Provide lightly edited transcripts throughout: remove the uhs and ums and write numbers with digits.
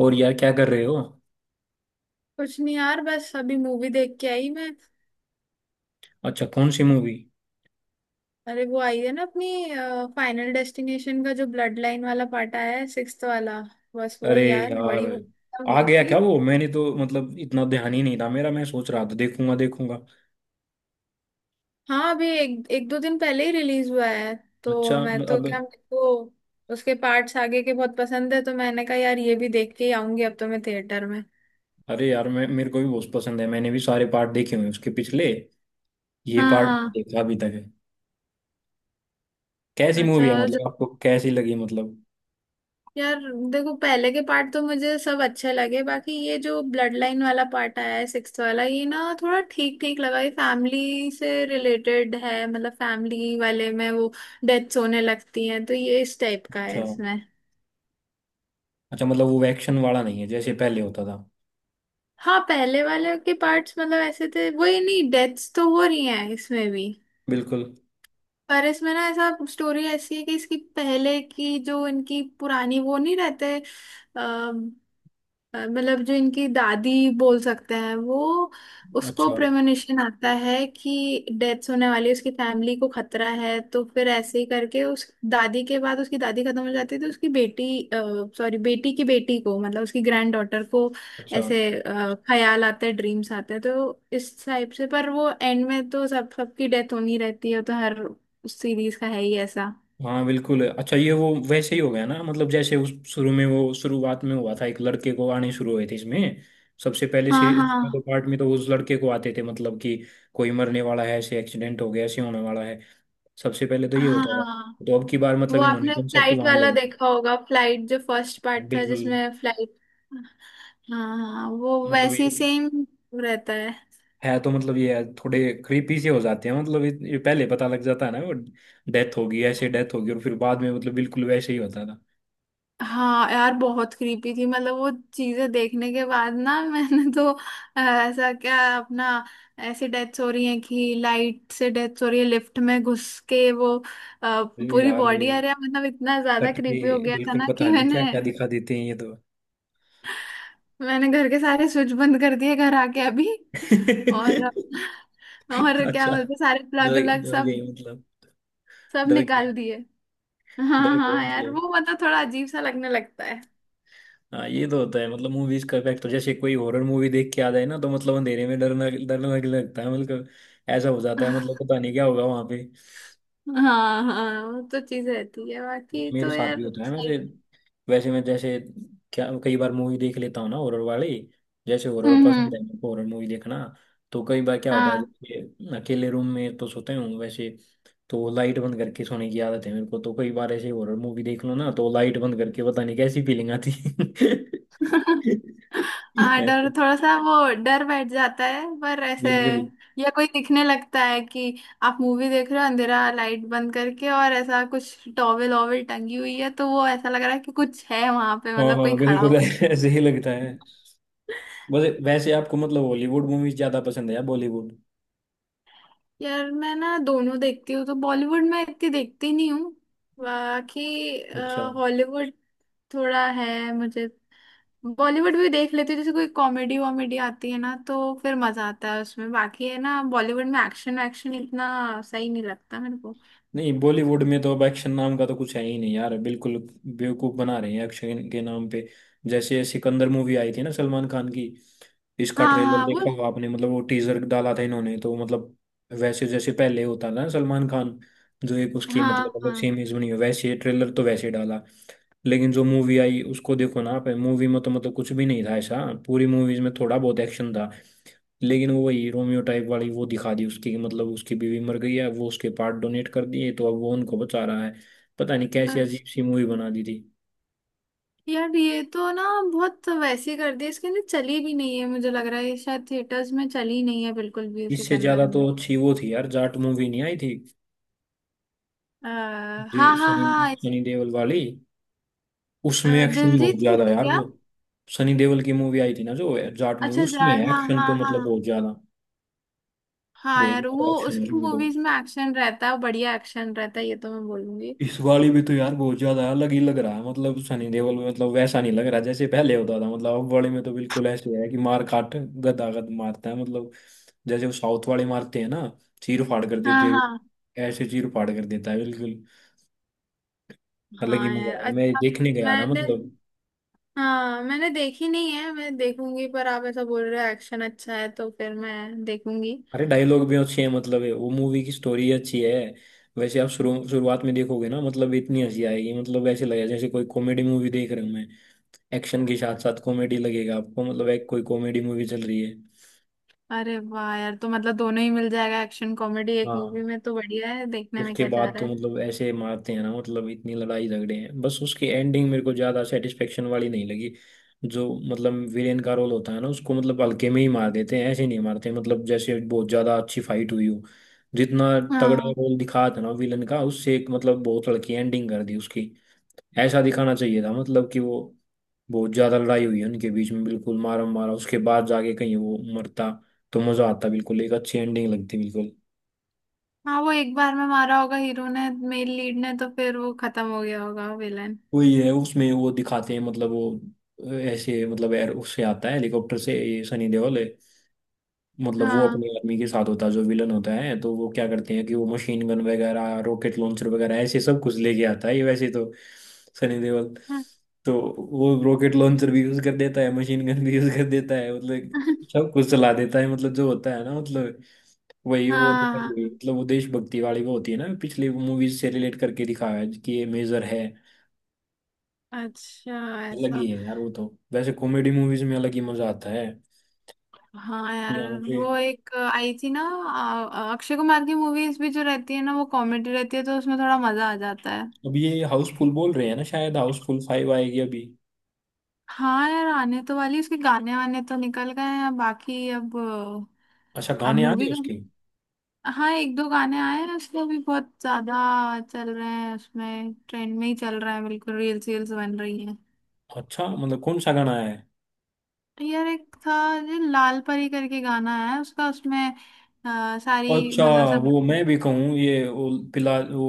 और यार, क्या कर रहे हो? कुछ नहीं यार, बस अभी मूवी देख के आई मैं। अच्छा, कौन सी मूवी? अरे, वो आई है ना अपनी फाइनल डेस्टिनेशन का जो ब्लड लाइन वाला पार्ट आया है, सिक्स्थ वाला। बस अरे वही यार, यार, बड़ी आ मूवी गया थी। क्या वो? मैंने तो मतलब इतना ध्यान ही नहीं था मेरा। मैं सोच रहा था देखूंगा देखूंगा। हाँ, अभी एक एक दो दिन पहले ही रिलीज हुआ है। तो अच्छा। मैं तो, अब। क्या मेरे को उसके पार्ट्स आगे के बहुत पसंद है, तो मैंने कहा यार ये भी देख के ही आऊंगी अब तो मैं थिएटर में। अरे यार, मैं मेरे को भी बहुत पसंद है। मैंने भी सारे पार्ट देखे हुए हैं उसके पिछले। ये हाँ पार्ट नहीं हाँ। देखा अभी तक है। कैसी मूवी अच्छा है, मतलब आपको कैसी लगी मतलब? यार, देखो पहले के पार्ट तो मुझे सब अच्छे लगे, बाकी ये जो ब्लड लाइन वाला पार्ट आया है सिक्स्थ वाला, ये ना थोड़ा ठीक ठीक लगा। ये फैमिली से रिलेटेड है, मतलब फैमिली वाले में वो डेथ्स होने लगती हैं, तो ये इस टाइप का है अच्छा। इसमें। अच्छा मतलब वो एक्शन वाला नहीं है जैसे पहले होता था। हाँ, पहले वाले के पार्ट्स मतलब ऐसे थे, वही नहीं, डेथ्स तो हो रही हैं इसमें भी। बिल्कुल। पर इसमें ना ऐसा स्टोरी ऐसी है कि इसकी पहले की जो इनकी पुरानी वो नहीं रहते। मतलब जो इनकी दादी बोल सकते हैं वो, उसको अच्छा। प्रेमोनिशन आता है कि डेथ होने वाली है, उसकी फैमिली को खतरा है। तो फिर ऐसे ही करके उस दादी के बाद उसकी दादी खत्म हो जाती है, तो उसकी बेटी, सॉरी, बेटी की बेटी को मतलब उसकी ग्रैंड डॉटर को अच्छा। ऐसे ख्याल आते हैं, ड्रीम्स आते हैं, तो इस टाइप से। पर वो एंड में तो सब सबकी डेथ होनी रहती है, तो हर सीरीज का है ही ऐसा। हाँ बिल्कुल। अच्छा, ये वो वैसे ही हो गया ना, मतलब जैसे उस शुरू में वो शुरुआत में हुआ था, एक लड़के को आने शुरू हुए थे इसमें। सबसे पहले हाँ से उसमें तो हाँ पार्ट में तो उस लड़के को आते थे मतलब कि कोई मरने वाला है, ऐसे एक्सीडेंट हो गया, ऐसे होने वाला है। सबसे पहले तो ये होता था। हाँ। तो अब की बार वो मतलब इन्होंने आपने कॉन्सेप्ट फ्लाइट वहां वाला ले गए। देखा होगा, फ्लाइट जो फर्स्ट पार्ट था बिल्कुल। जिसमें फ्लाइट। हाँ हाँ, वो मतलब वैसी ये सेम रहता है। है, तो मतलब ये है, थोड़े क्रीपी से हो जाते हैं, मतलब ये पहले पता लग जाता है ना वो, डेथ होगी ऐसे डेथ होगी और फिर बाद में मतलब बिल्कुल वैसे ही होता था। हाँ यार, बहुत क्रीपी थी, मतलब वो चीजें देखने के बाद ना मैंने तो ऐसा क्या अपना, ऐसे डेथ्स हो रही हैं कि लाइट से डेथ्स हो रही है, लिफ्ट में घुस के वो अ, अरे पूरी यार। बॉडी, अरे मतलब इतना ज्यादा कट के। क्रीपी हो गया था बिल्कुल ना कि पता नहीं क्या मैंने, क्या दिखा देते हैं ये तो। मैंने घर के सारे स्विच बंद कर दिए घर आके अभी। और और क्या अच्छा। बोलते, सारे प्लग डर व्लग डर सब, गए मतलब? सब डर गए। निकाल दिए। हाँ डर गए हाँ यार, मतलब? वो मतलब थोड़ा अजीब सा लगने लगता है। हाँ ये तो होता है मतलब मूवीज का इफेक्ट, जैसे कोई हॉरर मूवी देख के आ जाए ना, तो मतलब अंधेरे में डरना डरने लगता है मतलब। ऐसा हो जाता है मतलब, पता नहीं क्या होगा वहां पे। हाँ हाँ, वो तो चीज रहती है, ये बाकी मेरे तो साथ भी यार होता है सही। वैसे। वैसे मैं जैसे, क्या कई बार मूवी देख लेता हूँ ना हॉरर वाली। जैसे हॉरर पसंद हम्म। है मेरे को, हॉरर मूवी देखना। तो कई बार क्या होता है हाँ। जैसे अकेले रूम में तो सोते हूँ वैसे, तो लाइट बंद करके सोने की आदत है मेरे को, तो कई बार ऐसे हॉरर मूवी देख लो ना तो लाइट बंद करके पता नहीं कैसी फीलिंग आती हाँ, ऐसे, डर थोड़ा सा वो, डर बैठ जाता है। पर ऐसे बिल्कुल। या कोई दिखने लगता है कि आप मूवी देख रहे हो अंधेरा, लाइट बंद करके, और ऐसा कुछ टॉवेल ओवेल टंगी हुई है, तो वो ऐसा लग रहा है कि कुछ है वहां पे, हाँ मतलब कोई हाँ खड़ा हो। बिल्कुल, ऐसे ही लगता है। वैसे वैसे आपको मतलब हॉलीवुड मूवीज ज्यादा पसंद है या बॉलीवुड? यार मैं ना दोनों देखती हूँ, तो बॉलीवुड में इतनी देखती नहीं हूँ, बाकी अच्छा। हॉलीवुड थोड़ा है मुझे। बॉलीवुड भी देख लेती हूँ, जैसे कोई कॉमेडी वॉमेडी आती है ना तो फिर मजा आता है उसमें, बाकी है ना बॉलीवुड में एक्शन, एक्शन इतना सही नहीं लगता मेरे को। नहीं, बॉलीवुड में तो अब एक्शन नाम का तो कुछ है ही नहीं यार बिल्कुल। बेवकूफ बना रहे हैं एक्शन के नाम पे। जैसे सिकंदर मूवी आई थी ना सलमान खान की, इसका हाँ ट्रेलर हाँ वो। देखा होगा आपने, मतलब वो टीजर डाला था इन्होंने तो मतलब। वैसे जैसे पहले होता था ना सलमान खान, जो एक उसकी मतलब हाँ अलग हाँ। सेम इमेज बनी हो वैसे, ट्रेलर तो वैसे डाला, लेकिन जो मूवी आई उसको देखो ना आप, मूवी में तो मतलब कुछ भी नहीं था ऐसा, पूरी मूवीज में थोड़ा बहुत एक्शन था, लेकिन वो वही रोमियो टाइप वाली वो दिखा दी उसकी कि मतलब उसकी बीवी मर गई है, वो उसके पार्ट डोनेट कर दिए तो अब वो उनको बचा रहा है। पता नहीं कैसी अजीब अच्छा सी मूवी बना दी थी। यार, ये तो ना बहुत वैसी कर दी, इसके अंदर चली भी नहीं है, मुझे लग रहा है ये शायद थिएटर्स में चली नहीं है बिल्कुल भी, इससे सिकंदर। ज्यादा में तो अच्छी वो थी यार, जाट मूवी नहीं आई थी, आ, जे हाँ हाँ सनी, हाँ, सनी देओल वाली। उसमें एक्शन बहुत दिलजीत की ज्यादा थी है यार क्या? वो। सनी देओल की मूवी आई थी ना जो जाट मूवी, अच्छा, उसमें जाट, है हाँ एक्शन हाँ तो हाँ। मतलब बहुत ज्यादा। हाँ बहुत यार, ज्यादा वो एक्शन है उसकी उसमें तो। मूवीज में एक्शन रहता है, बढ़िया एक्शन रहता है, ये तो मैं बोलूंगी। इस वाली भी तो यार बहुत ज्यादा अलग ही लग रहा है, मतलब सनी देओल में मतलब वैसा नहीं लग रहा जैसे पहले होता था, मतलब अब वाले में तो बिल्कुल ऐसे है कि मार काट, गदा गद मारता है मतलब। जैसे वो साउथ वाले मारते हैं ना, चीर फाड़ कर हाँ देते हैं। हाँ। ऐसे चीर फाड़ कर देता है बिल्कुल। अलग ही हाँ मजा यार, आया, मैं अच्छा। देखने गया था मैंने, मतलब। हाँ मैंने देखी नहीं है, मैं देखूंगी, पर आप ऐसा बोल रहे हो एक्शन अच्छा है तो फिर मैं देखूंगी। अरे डायलॉग भी अच्छे हैं, मतलब है वो मूवी की स्टोरी अच्छी है। वैसे आप शुरू शुरुआत में देखोगे ना मतलब इतनी हंसी आएगी, मतलब ऐसे लगेगा जैसे कोई कॉमेडी मूवी देख रहा हूं मैं। एक्शन के साथ साथ कॉमेडी लगेगा आपको, मतलब एक कोई कॉमेडी मूवी चल रही है। अरे वाह यार, तो मतलब दोनों ही मिल जाएगा, एक्शन कॉमेडी एक हाँ। मूवी में, तो बढ़िया है, देखने में उसके क्या जा बाद रहा तो है। मतलब ऐसे मारते हैं ना, मतलब इतनी लड़ाई झगड़े हैं बस, उसकी एंडिंग मेरे को ज्यादा सेटिस्फेक्शन वाली नहीं लगी। जो मतलब विलेन का रोल होता है ना उसको मतलब हल्के में ही मार देते हैं, ऐसे नहीं मारते मतलब जैसे बहुत ज्यादा अच्छी फाइट हुई हो। जितना तगड़ा हाँ रोल दिखा था ना विलेन का, उससे एक मतलब बहुत हल्की एंडिंग कर दी उसकी। ऐसा दिखाना चाहिए था मतलब कि वो बहुत ज्यादा लड़ाई हुई है उनके बीच में बिल्कुल, मारा मारा उसके बाद जाके कहीं वो मरता तो मजा आता बिल्कुल, एक अच्छी एंडिंग लगती बिल्कुल। हाँ। वो एक बार में मारा होगा हीरो ने, मेन लीड ने, तो फिर वो खत्म हो गया होगा विलन। वही है उसमें वो दिखाते हैं मतलब वो, ऐसे मतलब एयर उससे आता है हेलीकॉप्टर से, ये सनी देओल है, मतलब वो अपने हाँ आदमी के साथ होता है जो विलन होता है, तो वो क्या करते हैं कि वो मशीन गन वगैरह रॉकेट लॉन्चर वगैरह ऐसे सब कुछ लेके आता है, ये वैसे तो सनी देओल, हाँ। तो वो रॉकेट लॉन्चर भी यूज कर देता है, मशीन गन भी यूज कर देता है, मतलब सब कुछ चला देता है मतलब जो होता है ना मतलब वही वो दिखाई हुई, हाँ, मतलब वो देशभक्ति वाली वो होती है ना, पिछली मूवीज से रिलेट करके दिखाया है कि ये मेजर है। अच्छा, अलग ही ऐसा। है यार वो तो। वैसे कॉमेडी मूवीज में अलग ही मजा आता है हाँ यार, यहाँ पे। वो एक आई थी ना अक्षय कुमार की मूवीज भी जो रहती है ना वो कॉमेडी रहती है, तो उसमें थोड़ा मजा आ जाता है। अब ये हाउसफुल बोल रहे हैं ना, शायद हाउसफुल 5 आएगी अभी। हाँ यार, आने तो वाली, उसके गाने वाने तो निकल गए हैं, बाकी अब अच्छा, अब गाने आ मूवी गए का। उसके। हाँ, एक दो गाने आए हैं उसके, अभी बहुत ज्यादा चल रहे हैं उसमें, ट्रेंड में ही चल रहा है बिल्कुल, रील्स वील्स बन रही हैं। अच्छा मतलब कौन सा गाना है? तो यार एक था जो लाल परी करके गाना है उसका, उसमें सारी, अच्छा, मतलब सब वो मैं भी कहूँ ये वो पिला वो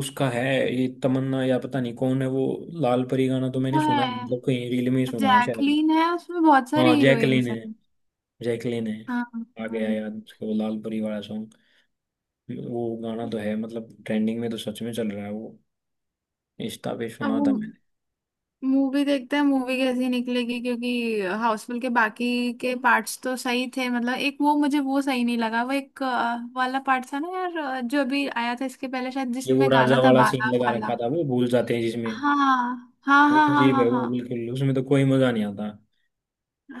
उसका है, ये तमन्ना या पता नहीं कौन है वो। लाल परी गाना तो मैंने वो सुना है, है, मतलब कहीं रील में ही सुना है शायद। जैकलीन है, उसमें बहुत हाँ सारी जैकलीन हीरोइंस है। हैं। जैकलीन है। हाँ आ गया हाँ। याद उसका, वो लाल परी वाला सॉन्ग। वो गाना तो है मतलब ट्रेंडिंग में तो सच में चल रहा है वो, इंस्टा पे अब सुना वो था। मूवी देखते हैं, मूवी कैसी निकलेगी, क्योंकि हाउसफुल के बाकी के पार्ट्स तो सही थे। मतलब एक वो मुझे वो सही नहीं लगा, वो एक वाला पार्ट था ना यार, जो अभी आया था इसके पहले शायद ये वो जिसमें गाना राजा था वाला सीन बाला लगा वाला। रखा था वो, भूल जाते हैं जिसमें हाँ हाँ वो, हाँ हाँ अजीब हाँ है वो हाँ। बिल्कुल, उसमें तो कोई मजा नहीं आता।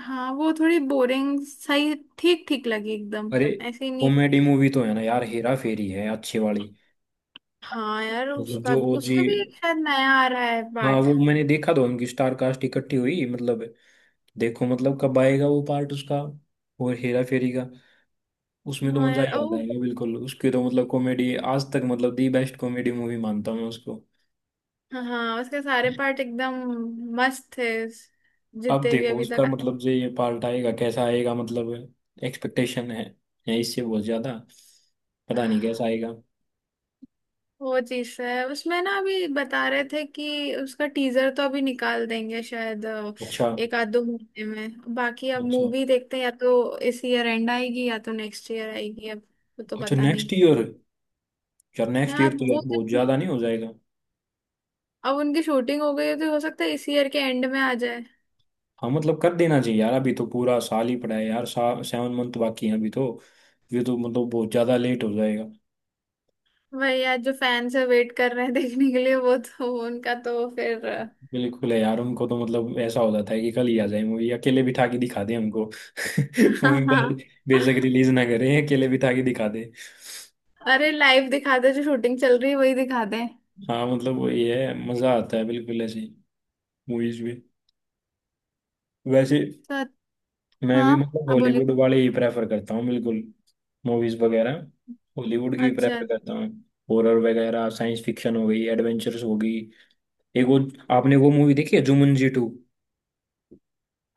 हाँ वो थोड़ी बोरिंग, सही ठीक ठीक लगी एकदम, अरे ऐसे ही नहीं। कॉमेडी मूवी तो है ना यार, हेरा फेरी है अच्छी वाली, हाँ यार, मतलब उसका जो ओजी। उसका भी एक शायद नया आ रहा है हाँ पार्ट। वो मैंने देखा था, उनकी स्टार कास्ट इकट्ठी हुई मतलब। देखो मतलब कब आएगा वो पार्ट उसका और हेरा फेरी का। उसमें तो हाँ मजा यार, ही ओ आता है बिल्कुल, उसकी तो मतलब कॉमेडी आज तक मतलब दी बेस्ट कॉमेडी मूवी मानता हूँ मैं उसको। हाँ, उसके सारे पार्ट एकदम मस्त थे, अब जितने भी देखो अभी उसका तक। मतलब जो ये पार्ट आएगा कैसा आएगा मतलब। एक्सपेक्टेशन है इससे बहुत ज्यादा। पता नहीं कैसा आएगा। वो चीज है उसमें ना, अभी बता रहे थे कि उसका टीजर तो अभी निकाल देंगे शायद, अच्छा। एक आध दो महीने में। बाकी अब अच्छा। मूवी देखते हैं, या तो इस ईयर एंड आएगी या तो नेक्स्ट ईयर आएगी अब, वो तो अच्छा पता नहीं। Next year? यार नेक्स्ट यार ईयर अब तो यार वो बहुत तो, ज्यादा नहीं हो जाएगा? अब उनकी शूटिंग हो गई है तो हो सकता है इस ईयर के एंड में आ जाए। हाँ मतलब कर देना चाहिए यार, अभी तो पूरा साल ही पड़ा है यार, 7 मंथ बाकी है अभी तो। ये तो मतलब बहुत ज्यादा लेट हो जाएगा। वही यार, जो फैंस है वेट कर रहे हैं देखने के लिए, वो तो उनका तो फिर। बिल्कुल है यार, उनको तो मतलब ऐसा हो जाता है कि कल ही आ जाए मूवी, अकेले बिठा के दिखा दे हमको मूवी, बाद बेशक रिलीज ना करें, अकेले बिठा के दिखा दे। अरे लाइव दिखाते जो शूटिंग चल रही है वही दिखाते हैं। हाँ मतलब वही है, मजा आता है बिल्कुल ऐसे मूवीज में। वैसे सर, मैं हाँ भी मतलब आप हॉलीवुड बोलिए। वाले ही प्रेफर करता हूँ बिल्कुल, मूवीज वगैरह। हॉलीवुड की अच्छा। प्रेफर करता हूँ। हॉरर वगैरह, साइंस फिक्शन हो गई, एडवेंचर्स हो गई। एक वो, आपने वो मूवी देखी है जुमंजी 2?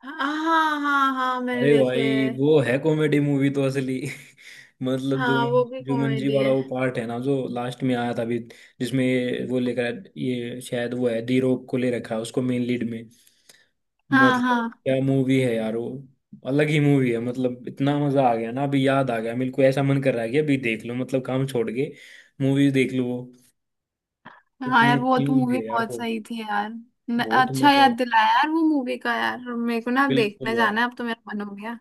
हाँ हाँ हाँ हाँ, मैंने अरे देखे भाई है। वो है कॉमेडी मूवी तो असली। मतलब हाँ जुमन वो भी जुमंजी कॉमेडी वाला है। वो पार्ट है ना जो लास्ट में आया था अभी, जिसमें वो लेकर ये शायद वो है, दी रॉक को ले रखा है उसको मेन लीड में। हाँ मतलब हाँ क्या मूवी है यार वो, अलग ही मूवी है मतलब, इतना मजा आ गया ना अभी याद आ गया मेरे को, ऐसा मन कर रहा है कि अभी देख लो मतलब काम छोड़ के मूवी देख लो वो, हाँ, इतनी यार वो अच्छी तो मूवी मूवी है यार बहुत वो। सही थी यार। बहुत अच्छा मजा, याद दिलाया यार वो मूवी का, यार मेरे को ना बिल्कुल देखने यार। जाना है, अब तो मेरा मन हो गया।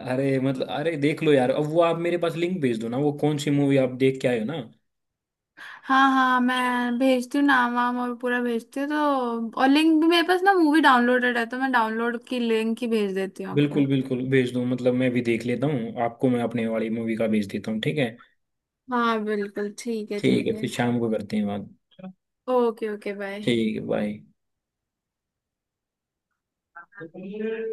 अरे मतलब अरे देख लो यार, अब वो आप मेरे पास लिंक भेज दो ना वो, कौन सी मूवी आप देख के आए हो ना। हाँ हाँ, मैं भेजती हूँ नाम वाम और पूरा भेजती हूँ, तो और लिंक भी, मेरे पास ना मूवी डाउनलोडेड है तो मैं डाउनलोड की लिंक ही भेज देती हूँ आपको। बिल्कुल बिल्कुल भेज दो, मतलब मैं भी देख लेता हूँ, आपको मैं अपने वाली मूवी का भेज देता हूँ ठीक है। हाँ बिल्कुल, ठीक है ठीक ठीक है, है। फिर शाम को करते हैं बात। Okay okay bye. ठीक है। बाय।